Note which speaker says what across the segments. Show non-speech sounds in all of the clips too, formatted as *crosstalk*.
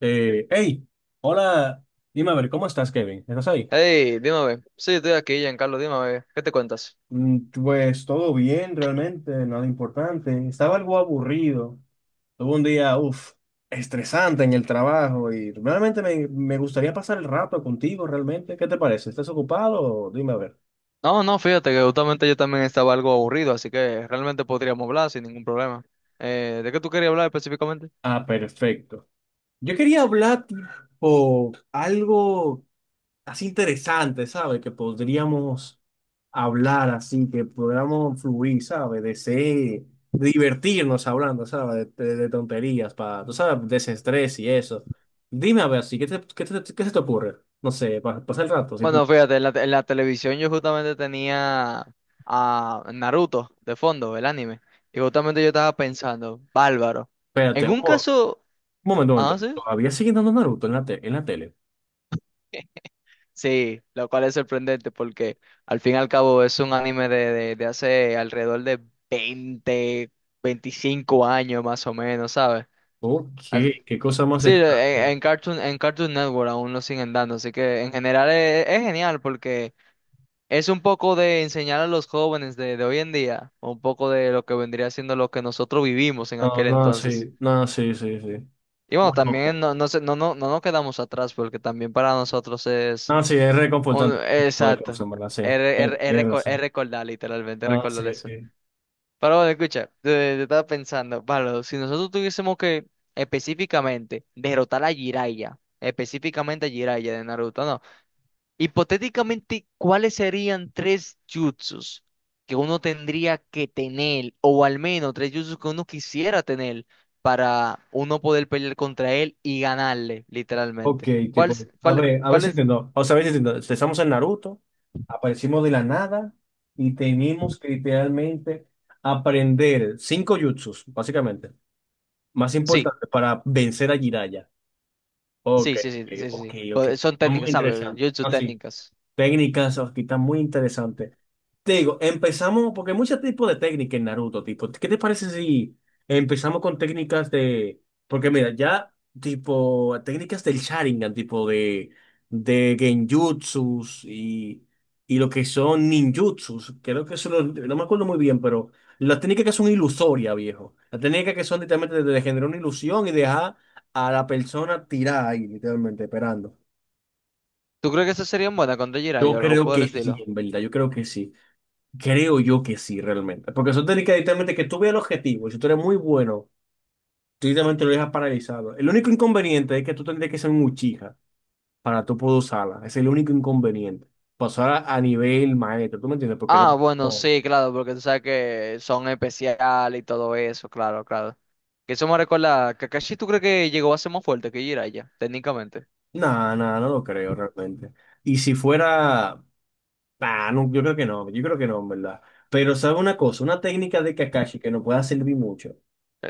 Speaker 1: Hey, hola, dime a ver, ¿cómo estás, Kevin? ¿Estás ahí?
Speaker 2: Hey, dime, a ver. Sí, estoy aquí, Giancarlo, dime, a ver. ¿Qué te cuentas?
Speaker 1: Pues todo bien, realmente, nada importante. Estaba algo aburrido. Tuve un día, estresante en el trabajo y realmente me gustaría pasar el rato contigo, realmente. ¿Qué te parece? ¿Estás ocupado? Dime a ver.
Speaker 2: No, no, fíjate que justamente yo también estaba algo aburrido, así que realmente podríamos hablar sin ningún problema. ¿De qué tú querías hablar específicamente?
Speaker 1: Ah, perfecto. Yo quería hablar tipo algo, así interesante, ¿sabes? Que podríamos hablar así, que podríamos fluir, ¿sabes? De divertirnos hablando, ¿sabes? De tonterías, para, tú sabes, desestrés y eso. Dime a ver, así, ¿Qué se te ocurre? No sé, para pasar el rato,
Speaker 2: Bueno,
Speaker 1: simplemente.
Speaker 2: fíjate, en la televisión yo justamente tenía a Naruto de fondo, el anime, y justamente yo estaba pensando, bárbaro.
Speaker 1: Espérate,
Speaker 2: En
Speaker 1: un
Speaker 2: un caso.
Speaker 1: un momento, un
Speaker 2: Ah,
Speaker 1: momento.
Speaker 2: sí.
Speaker 1: ¿Todavía siguen dando Naruto en en la tele?
Speaker 2: Sí, lo cual es sorprendente porque al fin y al cabo es un anime de hace alrededor de 20, 25 años más o menos, ¿sabes?
Speaker 1: Ok,
Speaker 2: As-
Speaker 1: qué cosa más
Speaker 2: Sí,
Speaker 1: extraña.
Speaker 2: en Cartoon Network aún lo siguen dando, así que en general es genial porque es un poco de enseñar a los jóvenes de hoy en día, un poco de lo que vendría siendo lo que nosotros vivimos en
Speaker 1: No,
Speaker 2: aquel
Speaker 1: no,
Speaker 2: entonces.
Speaker 1: sí, no, sí, sí, sí.
Speaker 2: Y bueno,
Speaker 1: Bueno,
Speaker 2: también no, no, se no, no, no nos quedamos atrás porque también para nosotros.
Speaker 1: no, sí, es reconfortante. Lo de
Speaker 2: Exacto.
Speaker 1: Clemson, ¿verdad? Sí,
Speaker 2: Es re- es re- es
Speaker 1: tienes
Speaker 2: reco- es
Speaker 1: razón.
Speaker 2: recordar, literalmente, es
Speaker 1: Ah, sí,
Speaker 2: recordar eso.
Speaker 1: sí.
Speaker 2: Pero bueno, escucha, yo estaba pensando, Pablo, si nosotros tuviésemos que específicamente derrotar a Jiraiya, específicamente a Jiraiya de Naruto, no. Hipotéticamente, ¿cuáles serían tres jutsus que uno tendría que tener, o al menos tres jutsus que uno quisiera tener para uno poder pelear contra él y ganarle,
Speaker 1: Ok,
Speaker 2: literalmente? ¿Cuáles,
Speaker 1: tipo,
Speaker 2: cuál,
Speaker 1: a ver si
Speaker 2: cuáles?
Speaker 1: entiendo. O sea, a ver si entiendo. Empezamos en Naruto, aparecimos de la nada y tenemos que literalmente aprender cinco jutsus, básicamente, más
Speaker 2: Sí.
Speaker 1: importante para vencer a Jiraiya. Ok,
Speaker 2: Sí, sí, sí,
Speaker 1: ok,
Speaker 2: sí,
Speaker 1: ok.
Speaker 2: sí.
Speaker 1: Ok.
Speaker 2: Pues son
Speaker 1: Está muy
Speaker 2: técnicas, ¿sabes?
Speaker 1: interesante.
Speaker 2: Jutsu
Speaker 1: Así,
Speaker 2: técnicas.
Speaker 1: técnicas, aquí está muy interesante. Te digo, empezamos, porque hay muchos tipos de técnicas en Naruto, tipo, ¿qué te parece si empezamos con técnicas de, porque mira, ya, tipo, técnicas del Sharingan, tipo de, Genjutsus y lo que son ninjutsus, creo que no me acuerdo muy bien, pero las técnicas que son ilusorias, viejo, las técnicas que son literalmente de generar una ilusión y dejar a la persona tirada ahí, literalmente, esperando.
Speaker 2: ¿Tú crees que esas serían buenas contra
Speaker 1: Yo
Speaker 2: Jiraiya o algo
Speaker 1: creo
Speaker 2: por el
Speaker 1: que sí,
Speaker 2: estilo?
Speaker 1: en verdad, yo creo que sí. Creo yo que sí, realmente. Porque eso te indica directamente que tú veas el objetivo. Y si tú eres muy bueno, tú directamente lo dejas paralizado. El único inconveniente es que tú tendrías que ser un Uchiha para tú poder usarla. Es el único inconveniente. Pasar a nivel maestro, ¿tú me entiendes? Porque no...
Speaker 2: Ah, bueno,
Speaker 1: No,
Speaker 2: sí, claro, porque tú sabes que son especiales y todo eso, claro, claro. Que eso me recuerda, Kakashi, ¿tú crees que llegó a ser más fuerte que Jiraiya, técnicamente?
Speaker 1: nada, nada, no lo creo realmente. Y si fuera... Ah, no, yo creo que no, yo creo que no, en verdad. Pero sabe una cosa, una técnica de Kakashi que nos pueda servir mucho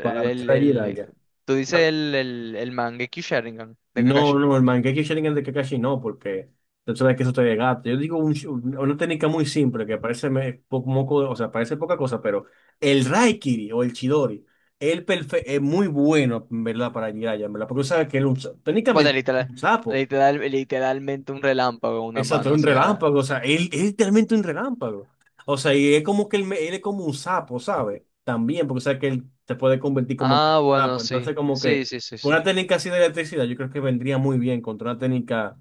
Speaker 1: para
Speaker 2: el,
Speaker 1: vencer a
Speaker 2: el-
Speaker 1: Jiraiya.
Speaker 2: tú dices el Mangekyou Sharingan de
Speaker 1: No,
Speaker 2: Kakashi.
Speaker 1: no, el Mangekyo Sharingan de Kakashi no, porque tú sabes que eso te desgasta. Yo digo un una técnica muy simple que parece moco, o sea, parece poca cosa, pero el Raikiri o el Chidori, es muy bueno, en verdad, para Jiraiya, en verdad, porque tú sabes que él es
Speaker 2: Bueno,
Speaker 1: técnicamente es
Speaker 2: literal,
Speaker 1: un sapo.
Speaker 2: literal, literalmente un relámpago en una
Speaker 1: Exacto,
Speaker 2: mano,
Speaker 1: es
Speaker 2: o
Speaker 1: un
Speaker 2: sea.
Speaker 1: relámpago, o sea, él es literalmente un relámpago. O sea, y es como que él es como un sapo, ¿sabes? También, porque sabe que él se puede convertir como en
Speaker 2: Ah, bueno,
Speaker 1: sapo. Entonces,
Speaker 2: sí,
Speaker 1: como
Speaker 2: sí,
Speaker 1: que
Speaker 2: sí, sí, sí.
Speaker 1: una técnica así de electricidad, yo creo que vendría muy bien contra una técnica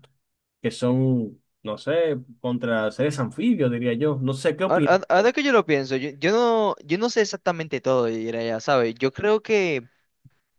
Speaker 1: que son, no sé, contra seres anfibios, diría yo. No sé qué
Speaker 2: Ah-
Speaker 1: opinas.
Speaker 2: ah- Ahora que yo lo pienso, yo no sé exactamente todo de Jiraiya, ¿sabes? Yo creo que,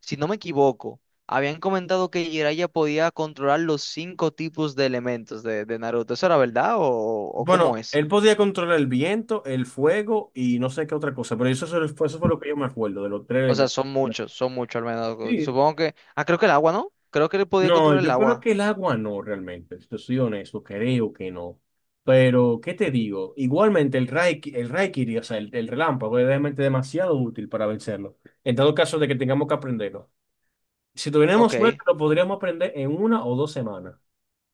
Speaker 2: si no me equivoco, habían comentado que Jiraiya podía controlar los cinco tipos de elementos de Naruto. ¿Eso era verdad o cómo
Speaker 1: Bueno,
Speaker 2: es?
Speaker 1: él podía controlar el viento, el fuego y no sé qué otra cosa, pero eso, eso fue lo que yo me acuerdo de los tres
Speaker 2: O sea,
Speaker 1: elementos.
Speaker 2: son muchos al menos.
Speaker 1: Sí.
Speaker 2: Supongo que. Ah, creo que el agua, ¿no? Creo que él podía
Speaker 1: No,
Speaker 2: controlar el
Speaker 1: yo creo
Speaker 2: agua.
Speaker 1: que el agua no realmente, yo soy honesto, creo que no. Pero, ¿qué te digo? Igualmente el Raikiri, o sea, el relámpago es realmente demasiado útil para vencerlo. En dado caso de que tengamos que aprenderlo. Si tuviéramos suerte,
Speaker 2: Ok.
Speaker 1: lo podríamos aprender en una o dos semanas.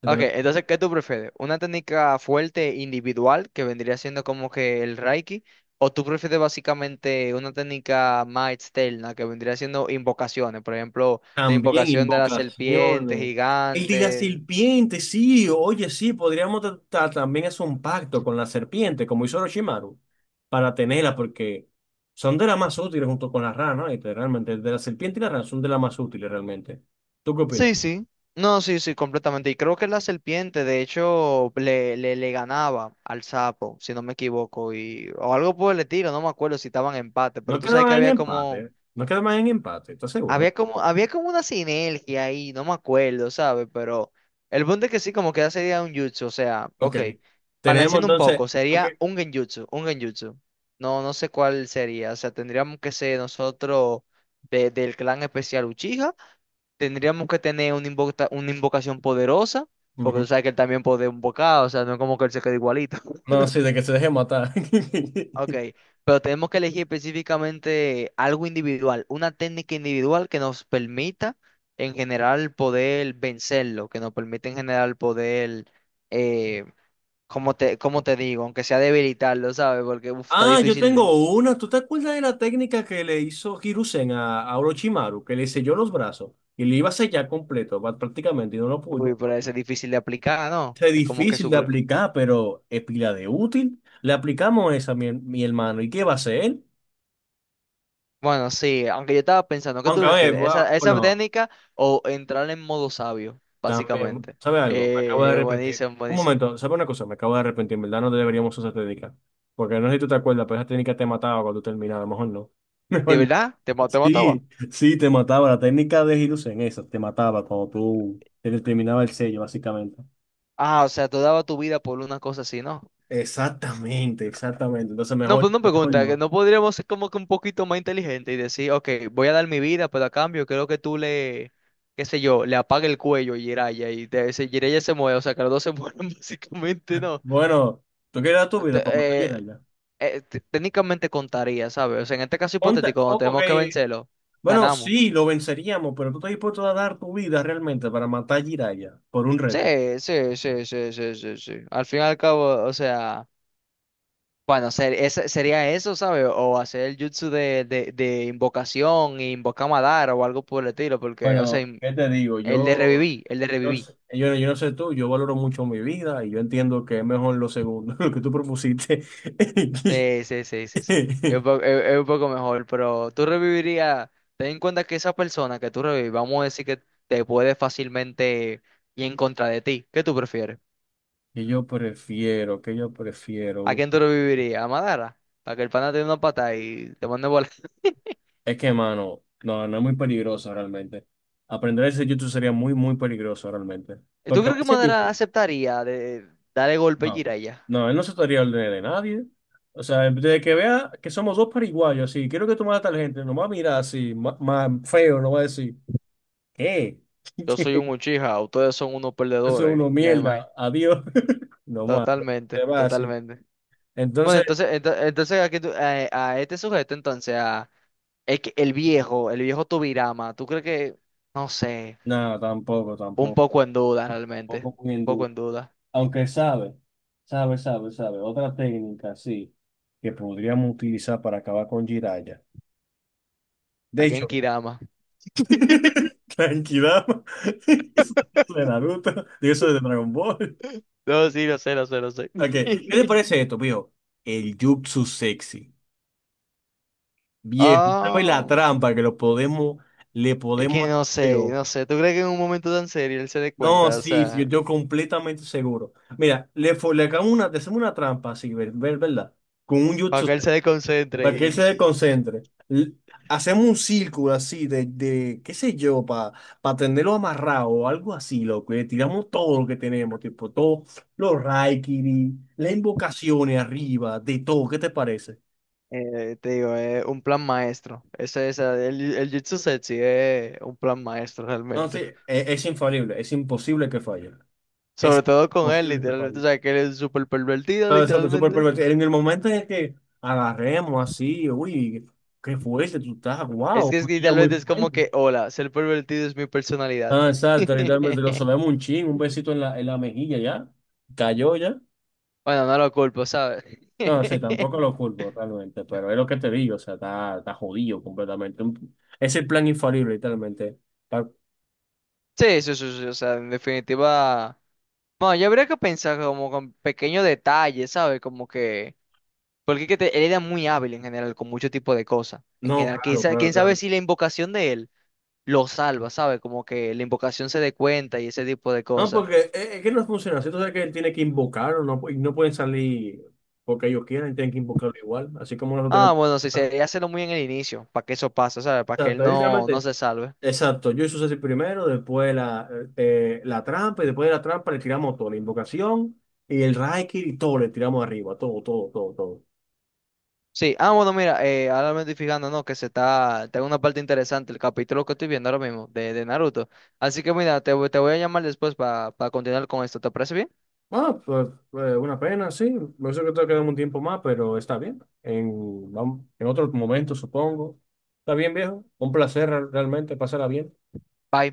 Speaker 2: Ok, entonces, ¿qué tú prefieres? ¿Una técnica fuerte individual que vendría siendo como que el Reiki? ¿O tú prefieres básicamente una técnica más externa que vendría siendo invocaciones? Por ejemplo, la
Speaker 1: También
Speaker 2: invocación de la serpiente
Speaker 1: invocaciones. El de la
Speaker 2: gigante.
Speaker 1: serpiente, sí, oye, sí, podríamos tratar también hacer un pacto con la serpiente, como hizo Orochimaru, para tenerla, porque son de las más útiles junto con la rana, ¿no? Realmente, de la serpiente y la rana son de las más útiles realmente. ¿Tú qué opinas?
Speaker 2: Sí, sí. No, sí, sí, completamente. Y creo que la serpiente, de hecho, le ganaba al sapo, si no me equivoco, y, o algo por el estilo, no me acuerdo si estaban en empate, pero
Speaker 1: No
Speaker 2: tú sabes que
Speaker 1: quedaban en
Speaker 2: había
Speaker 1: empate,
Speaker 2: como.
Speaker 1: ¿eh? No quedaban en empate, ¿estás seguro, no?
Speaker 2: Había como una sinergia ahí, no me acuerdo, ¿sabes? Pero el punto es que sí, como que sería un jutsu, o sea,
Speaker 1: Ok,
Speaker 2: ok,
Speaker 1: tenemos
Speaker 2: balanceando un
Speaker 1: entonces,
Speaker 2: poco,
Speaker 1: ok,
Speaker 2: sería un genjutsu, un genjutsu. No, no sé cuál sería, o sea, tendríamos que ser nosotros del clan especial Uchiha, tendríamos que tener una invocación poderosa, porque
Speaker 1: ujú.
Speaker 2: tú sabes que él también puede invocar, o sea, no es como que él se quede igualito.
Speaker 1: No, sí, de que se deje matar.
Speaker 2: Ok,
Speaker 1: *laughs*
Speaker 2: pero tenemos que elegir específicamente algo individual, una técnica individual que nos permita en general poder vencerlo, que nos permita en general poder, eh, como te digo, aunque sea debilitarlo, ¿sabes? Porque uf, está
Speaker 1: Ah, yo
Speaker 2: difícil,
Speaker 1: tengo una. ¿Tú te acuerdas de la técnica que le hizo Hiruzen a Orochimaru? Que le selló los brazos y le iba a sellar completo, prácticamente, y no lo
Speaker 2: uy,
Speaker 1: pudo.
Speaker 2: pero es difícil de aplicar, ¿no?
Speaker 1: Es
Speaker 2: Es como que
Speaker 1: difícil de
Speaker 2: súper.
Speaker 1: aplicar, pero es pila de útil. Le aplicamos esa, mi hermano. ¿Y qué va a hacer él?
Speaker 2: Bueno, sí, aunque yo estaba pensando, ¿qué tú
Speaker 1: Aunque, a ver,
Speaker 2: prefieres? ¿Esa, esa
Speaker 1: bueno,
Speaker 2: técnica o entrar en modo sabio,
Speaker 1: también,
Speaker 2: básicamente?
Speaker 1: ¿sabe algo? Me acabo de arrepentir.
Speaker 2: Buenísimo,
Speaker 1: Un
Speaker 2: buenísimo.
Speaker 1: momento, ¿sabe una cosa? Me acabo de arrepentir, en verdad no deberíamos usar esa técnica. Porque no sé si tú te acuerdas, pero esa técnica te mataba cuando tú terminabas, mejor no. *laughs*
Speaker 2: ¿De
Speaker 1: Mejor no.
Speaker 2: verdad? ¿Te mataba?
Speaker 1: Sí, sí, te mataba. La técnica de Hiruzen, esa, te mataba cuando tú te terminaba el sello, básicamente.
Speaker 2: Ah, o sea, tú dabas tu vida por una cosa así, ¿no?
Speaker 1: Exactamente, exactamente. Entonces
Speaker 2: No,
Speaker 1: mejor,
Speaker 2: pues no
Speaker 1: mejor
Speaker 2: pregunta, que
Speaker 1: no.
Speaker 2: no podríamos ser como que un poquito más inteligente y decir, ok, voy a dar mi vida, pero a cambio creo que tú le, qué sé yo, le apague el cuello a Jiraiya y te, si Jiraiya se mueve, o sea, que los dos se mueren *laughs* básicamente, ¿no?
Speaker 1: Bueno, tú quieres dar tu vida
Speaker 2: Te-
Speaker 1: para matar a
Speaker 2: eh,
Speaker 1: Jiraiya.
Speaker 2: técnicamente contaría, ¿sabes? O sea, en este caso hipotético, cuando
Speaker 1: Ok.
Speaker 2: tenemos que vencerlo,
Speaker 1: Bueno,
Speaker 2: ganamos.
Speaker 1: sí, lo venceríamos, pero tú estás dispuesto a dar tu vida realmente para matar a Jiraiya por un reto.
Speaker 2: Sí, sí, sí, sí, sí, sí, sí. Al fin y al cabo, o sea. Bueno, sería eso, ¿sabes? O hacer el jutsu de invocación, invoca Madara o algo por el estilo, porque, o sea,
Speaker 1: Bueno, ¿qué te digo?
Speaker 2: el de
Speaker 1: Yo,
Speaker 2: revivir, el de
Speaker 1: yo no
Speaker 2: revivir.
Speaker 1: sé- yo, yo no sé tú, yo valoro mucho mi vida y yo entiendo que es mejor lo segundo, *laughs* lo que tú propusiste.
Speaker 2: Sí, sí, sí, sí, sí. Es
Speaker 1: *laughs*
Speaker 2: un poco, es un poco mejor, pero tú revivirías, ten en cuenta que esa persona que tú revivís, vamos a decir que te puede fácilmente ir en contra de ti. ¿Qué tú prefieres?
Speaker 1: Y yo prefiero, que yo
Speaker 2: ¿A
Speaker 1: prefiero.
Speaker 2: quién tú revivirías? ¿A Madara? Para que el pana te dé una pata y te mande volar.
Speaker 1: Es que, mano, no, no es muy peligroso realmente. Aprender ese YouTube sería muy, muy peligroso realmente.
Speaker 2: *laughs* ¿Tú
Speaker 1: Porque va
Speaker 2: crees
Speaker 1: a
Speaker 2: que
Speaker 1: veces,
Speaker 2: Madara aceptaría de darle golpe a
Speaker 1: no,
Speaker 2: Jiraiya?
Speaker 1: no, él no se estaría al de nadie. O sea, desde que vea que somos dos paraguayos, así, quiero que tú mates a tal gente, no va a mirar así, más, más feo, no va a decir, ¿qué?
Speaker 2: Yo soy
Speaker 1: *laughs*
Speaker 2: un Uchiha, ustedes son unos
Speaker 1: Eso es
Speaker 2: perdedores,
Speaker 1: uno
Speaker 2: ya me imagino.
Speaker 1: mierda. Adiós. *laughs* No más. No te
Speaker 2: Totalmente,
Speaker 1: va así.
Speaker 2: totalmente. Bueno,
Speaker 1: Entonces,
Speaker 2: entonces, entonces aquí este sujeto, entonces, es que el viejo Tobirama, ¿tú crees que, no sé,
Speaker 1: nada, tampoco,
Speaker 2: un
Speaker 1: tampoco.
Speaker 2: poco en duda realmente?
Speaker 1: Tampoco muy
Speaker 2: Un poco
Speaker 1: enduro.
Speaker 2: en duda.
Speaker 1: Aunque sabe, sabe, sabe, sabe. Otra técnica, sí, que podríamos utilizar para acabar con Jiraiya. De
Speaker 2: Aquí en
Speaker 1: hecho,
Speaker 2: Kirama.
Speaker 1: *laughs* Tranquilidad. *laughs* Eso es de Naruto. Digo, eso es de Dragon Ball.
Speaker 2: *laughs* No, sí, lo sé, lo sé, lo sé.
Speaker 1: Ok, ¿qué te
Speaker 2: *laughs*
Speaker 1: parece esto, viejo? El jutsu sexy. Viejo, ¿sabes la
Speaker 2: Ah,
Speaker 1: trampa que lo podemos, le
Speaker 2: es
Speaker 1: podemos
Speaker 2: que no
Speaker 1: hacer?
Speaker 2: sé, no sé. ¿Tú crees que en un momento tan serio él se dé
Speaker 1: No,
Speaker 2: cuenta? O
Speaker 1: sí, sí, yo,
Speaker 2: sea,
Speaker 1: yo completamente seguro. Mira, le hagamos una, le hacemos una trampa así, ¿verdad? Con un
Speaker 2: para
Speaker 1: jutsu,
Speaker 2: que él se
Speaker 1: para que él
Speaker 2: desconcentre.
Speaker 1: se desconcentre. Hacemos un círculo así de qué sé yo, para tenerlo amarrado o algo así, loco. Y le tiramos todo lo que tenemos, tipo, todos los raikiri, las invocaciones arriba, de todo. ¿Qué te parece?
Speaker 2: Te digo, es un plan maestro. El Jitsu Setsu es un plan maestro realmente.
Speaker 1: Entonces, es, infalible, es imposible que falle.
Speaker 2: Sobre
Speaker 1: Es
Speaker 2: todo con él,
Speaker 1: imposible que
Speaker 2: literalmente. O
Speaker 1: falle.
Speaker 2: sea, que él es súper pervertido,
Speaker 1: No, exacto, súper
Speaker 2: literalmente.
Speaker 1: pervertido. En el momento en el que agarremos así, uy, qué fuerte tú estás, wow,
Speaker 2: Es que
Speaker 1: ya muy
Speaker 2: literalmente es como
Speaker 1: fuerte.
Speaker 2: que, hola, ser pervertido es mi personalidad.
Speaker 1: Ah, exacto, literalmente lo
Speaker 2: *laughs*
Speaker 1: solemos un chin, un besito en la mejilla ya, cayó ya.
Speaker 2: Bueno, no lo culpo, ¿sabes? *laughs*
Speaker 1: No sé, tampoco lo culpo realmente, pero es lo que te digo, o sea, está jodido completamente. Es el plan infalible, literalmente. Pa-
Speaker 2: Sí, sí, sí, sí, o sea, en definitiva. Bueno, yo habría que pensar como con pequeños detalles, ¿sabes? Como que. Porque es que él era muy hábil en general, con mucho tipo de cosas. En
Speaker 1: No,
Speaker 2: general, quién
Speaker 1: claro,
Speaker 2: sa-
Speaker 1: claro,
Speaker 2: quién sabe
Speaker 1: claro.
Speaker 2: si la invocación de él lo salva, ¿sabes? Como que la invocación se dé cuenta y ese tipo de
Speaker 1: No,
Speaker 2: cosas.
Speaker 1: porque es que no funciona, si tú sabes que él tiene que invocarlo, no, no pueden salir porque ellos quieran, tienen que invocarlo igual, así como nosotros
Speaker 2: Ah, bueno, sí,
Speaker 1: tenemos.
Speaker 2: sería hacerlo muy en el inicio, para que eso pase, ¿sabes? Para que él
Speaker 1: Exacto, ahí
Speaker 2: no
Speaker 1: literalmente,
Speaker 2: se salve.
Speaker 1: exacto, yo hice el primero, después la trampa, y después de la trampa le tiramos todo, la invocación y el Raikiri, y todo, le tiramos arriba, todo, todo, todo, todo.
Speaker 2: Sí, ah, bueno, mira, ahora me estoy fijando, ¿no? Que se está, tengo una parte interesante, el capítulo que estoy viendo ahora mismo, de Naruto. Así que mira, te voy a llamar después para continuar con esto, ¿te parece bien?
Speaker 1: Ah, pues, una pena, sí, no sé que te quedamos un tiempo más, pero está bien, en, en otro momento supongo. Está bien, viejo, un placer realmente, pasará bien.
Speaker 2: Bye.